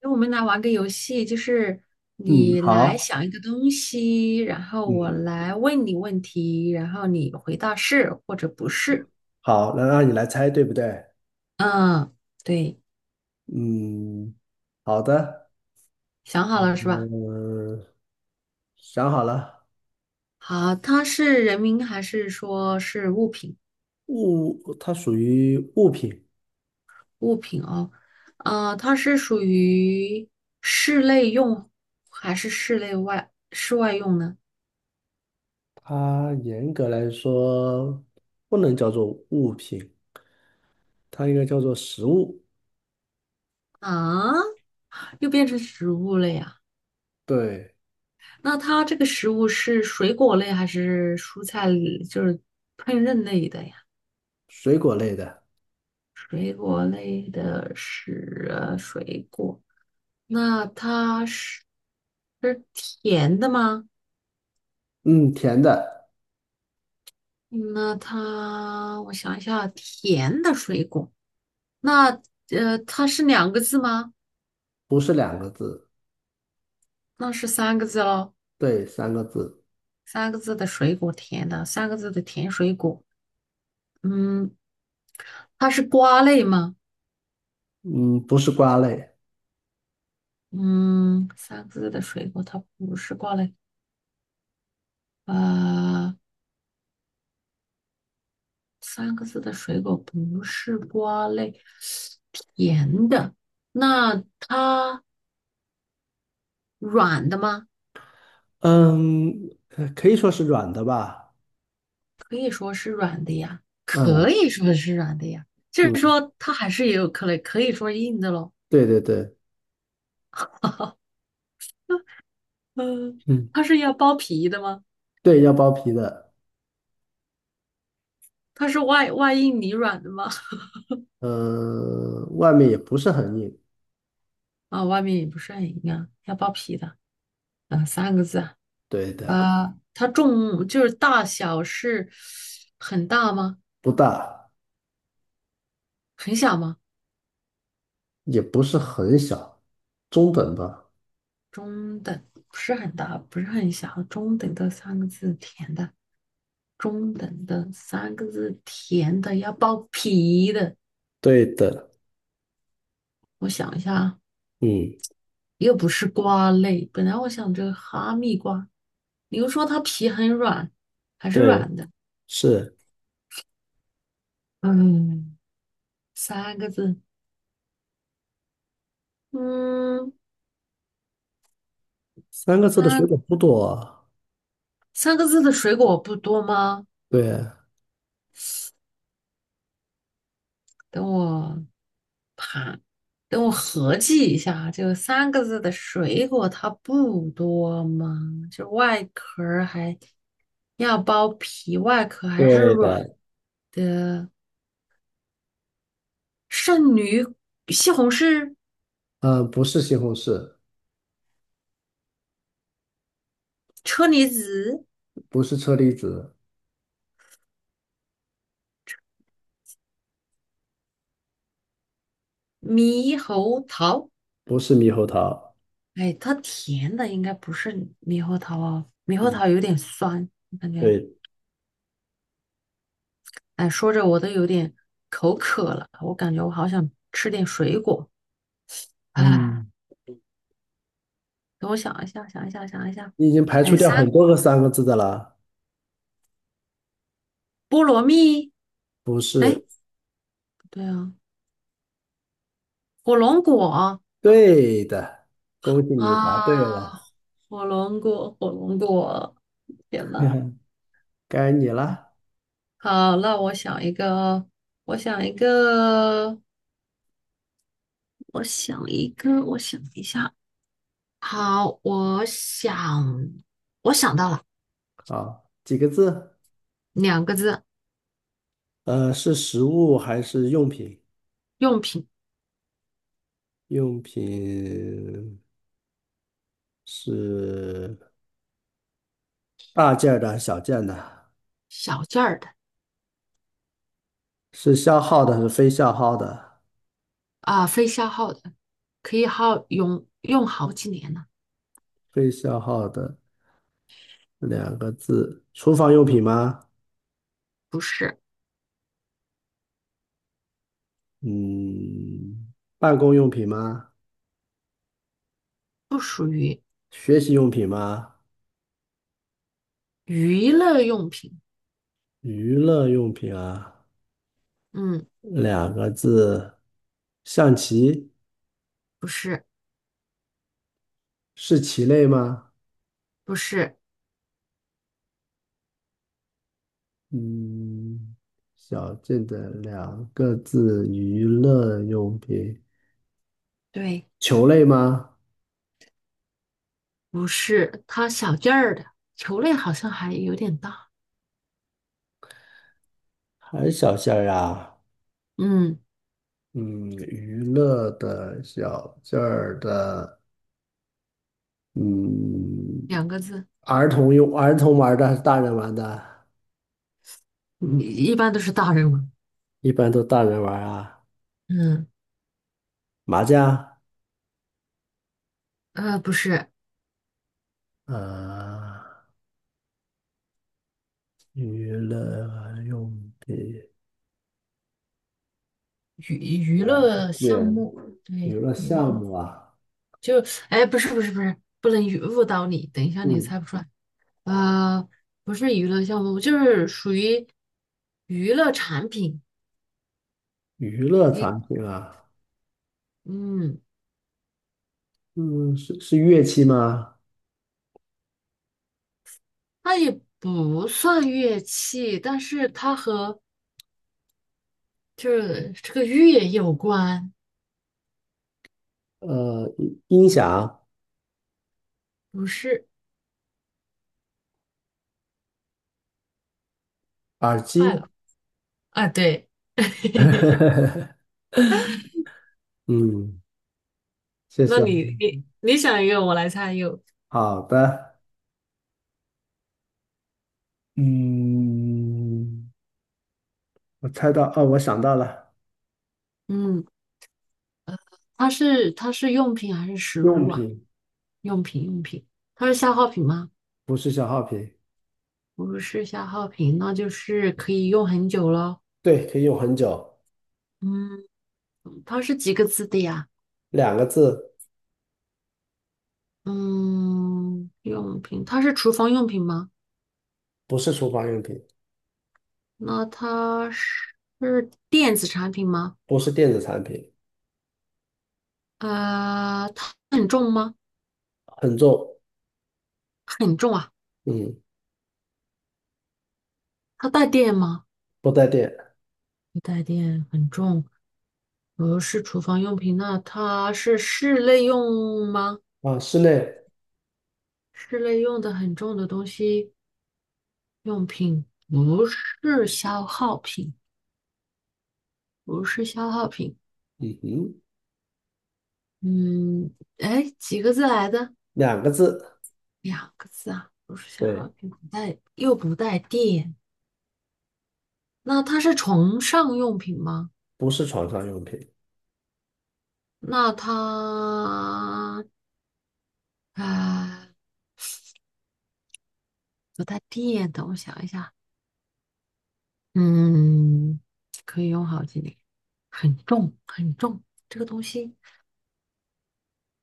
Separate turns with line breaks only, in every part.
那我们来玩个游戏，就是
嗯，
你来
好。
想一个东西，然后我
嗯，
来问你问题，然后你回答是或者不是。
好，那让你来猜，对不对？
嗯，对，
嗯，好的。
想好了是吧？
嗯，想好了。
好，它是人名还是说是物品？
物，它属于物品。
物品哦，它是属于室内用还是室外用呢？
它严格来说不能叫做物品，它应该叫做食物。
啊，又变成植物了呀？
对，
那它这个食物是水果类还是蔬菜类，烹饪类的呀？
水果类的。
水果类的是水果，那它是甜的吗？
嗯，甜的。
那它，我想一下，甜的水果，那它是两个字吗？
不是两个字。
那是三个字喽，
对，三个字。
三个字的水果，甜的，三个字的甜水果，嗯，它是瓜类吗？
嗯，不是瓜类。
嗯，三个字的水果，它不是瓜类。呃，三个字的水果不是瓜类，甜的。那它软的吗？
嗯，可以说是软的吧。
可以说是软的呀，可
嗯
以说是软的呀。就是
嗯，
说，它还是也有可能可以说硬的咯。
对对对，
嗯，
嗯。
它是要剥皮的吗？
对，要剥皮的。
它是外硬里软的吗？
嗯、外面也不是很硬。
啊，外面也不是很硬啊，要剥皮的。啊，三个字啊。
对的。
它重就是大小是很大吗？
不大。
很小吗？
也不是很小，中等吧。
中等，不是很大，不是很小，中等的三个字，甜的，中等的三个字，甜的，要包皮的。
对的。
我想一下啊，
嗯，
又不是瓜类，本来我想着哈密瓜，你又说它皮很软，还是
对，
软的。
是
嗯，三个字，嗯
三个字的
啊，
水
三
果不多啊。
三个字的水果不多吗？
对，
等我。等我合计一下啊，这个三个字的水果它不多吗？就外壳儿还要剥皮，外壳还是
对
软
的。
的。圣女、西红柿、
嗯、不是西红柿。
车厘子、
不是车厘子。
猕猴桃。
不是猕猴桃。
哎，它甜的应该不是猕猴桃哦，猕猴
嗯，
桃有点酸，我感觉。
对。
哎，说着我都有点口渴了，我感觉我好想吃点水果。哎，
嗯，
等我想一下，想一下，想一下。
你已经排除
哎，
掉
三
很多个三个字的了。
菠萝蜜。
不
哎，
是。
不对啊，火龙果啊，
对的，恭喜你答对了。
火龙果，火龙果，天呐，
该你了。
好，那我想一个，我想一个，我想一下。好，我想到了
啊，几个字？
两个字，
是食物还是用品？
用品，
用品，是大件儿的还是小件的？
小件儿的
是消耗的还是非消耗的？
啊，非消耗的，可以耗用用好几年呢。
非消耗的，两个字。厨房用品吗？
不是，
嗯，办公用品吗？
不属于
学习用品吗？
娱乐用品。
娱乐用品啊。
嗯，
两个字。象棋。
不是，
是棋类吗？
不是，
嗯，小件的两个字，娱乐用品。
对。
球类吗？
不是，它小件儿的，球类好像还有点大。
还是小件儿啊？
嗯，
嗯，娱乐的小件儿的。嗯，
两个字，
儿童用玩儿的还是大人玩的？
你一般都是大人玩。
一般都大人玩儿啊。
嗯，
麻将。
不是
啊，娱乐用品
娱娱
啊，
乐项
对，
目，
娱
对，
乐
娱
项
乐
目啊。
就，哎，不是，不能语误导你，等一下你
嗯，
猜不出来。呃，不是娱乐项目，就是属于娱乐产品。
娱乐
一，
产品啊。
嗯，
嗯，是乐器吗？
它也不算乐器，但是它和这个乐有关，
呃，音响、
不是，
耳
快
机。
了。啊，对，
嗯，谢
那
谢。
你想一个，我来猜一个。
好的。嗯，我猜到，哦，我想到了。
嗯，它是用品还是食物
用
啊？
品。
用品，它是消耗品吗？
不是消耗品。
不是消耗品，那就是可以用很久咯。
对，可以用很久。
嗯，它是几个字的呀？
两个字。
嗯，用品，它是厨房用品吗？
不是厨房用品。
那它是是电子产品吗？
不是电子产品。
它很重吗？
很重。
很重啊，
嗯，
它带电吗？
不带电
不带电，很重。不是厨房用品，那它是室内用吗？
啊。室内。
室内用的很重的东西，用品不是消耗品，不是消耗品。
嗯哼。
嗯，哎，几个字来的？
两个字。
两个字啊，不是消耗
对。
品，不带，又不带电。那它是床上用品吗？
不是床上用品。
那它啊，不带电。等我想一下。嗯，可以用好几年，很重，这个东西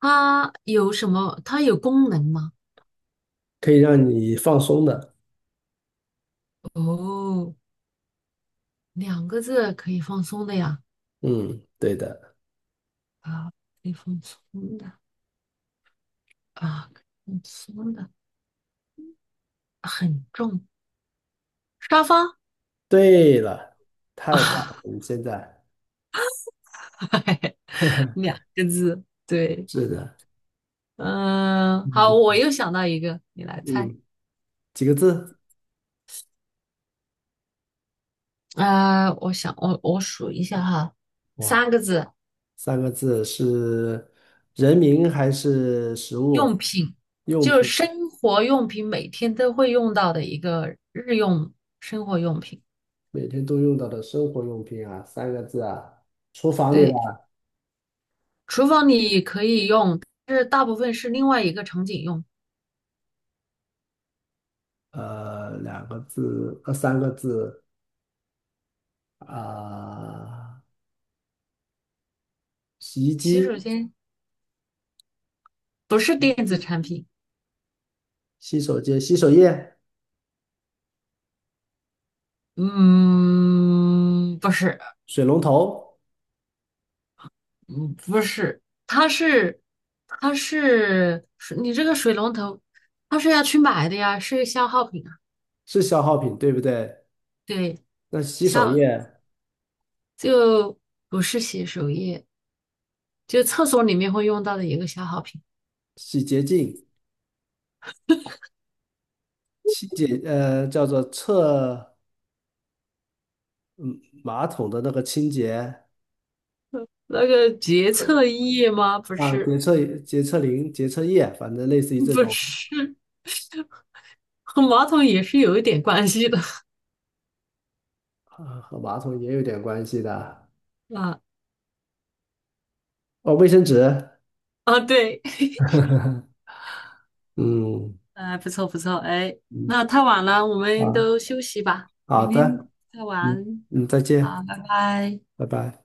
它有什么？它有功能吗？
可以让你放松的。
哦，两个字可以放松的呀，
嗯，对的。
啊，可以放松的可以放松的，很重，沙发
对了，太棒
啊，
了，你现在。
两个字，对，
是的。
嗯、好，
嗯
我又想到一个，你来猜，
嗯，几个字？
我数一下哈，三
哇，
个字，
三个字。是人名还是食
用
物？
品，
用
就是
品。
生活用品，每天都会用到的一个生活用品。
每天都用到的生活用品啊，三个字啊，厨房里的。
对，厨房里可以用，但是大部分是另外一个场景用。
两个字，三个字啊，洗衣
洗
机、
手间不是电子产品，
洗手间、洗手液、
嗯，不是，
水龙头。
嗯，不是，它是，它是，你这个水龙头，它是要去买的呀，是消耗品啊。
是消耗品，对不对？
对，
那洗手液、
消就不是洗手液，就厕所里面会用到的一个消耗品。
洗洁精、清洁，叫做厕的那个清洁。
那个洁厕液吗？不
啊，
是，
洁厕灵、洁厕液，反正类似于这
不
种。
是，和马桶也是有一点关系的
啊，和马桶也有点关系的。
啊
哦，卫生纸。
啊，对，
嗯
哎，不错，哎，
嗯，
那太晚了，我们
啊，
都休息吧，
好
明天
的。
再
嗯
玩，
嗯，再
好，
见。
拜拜。
拜拜。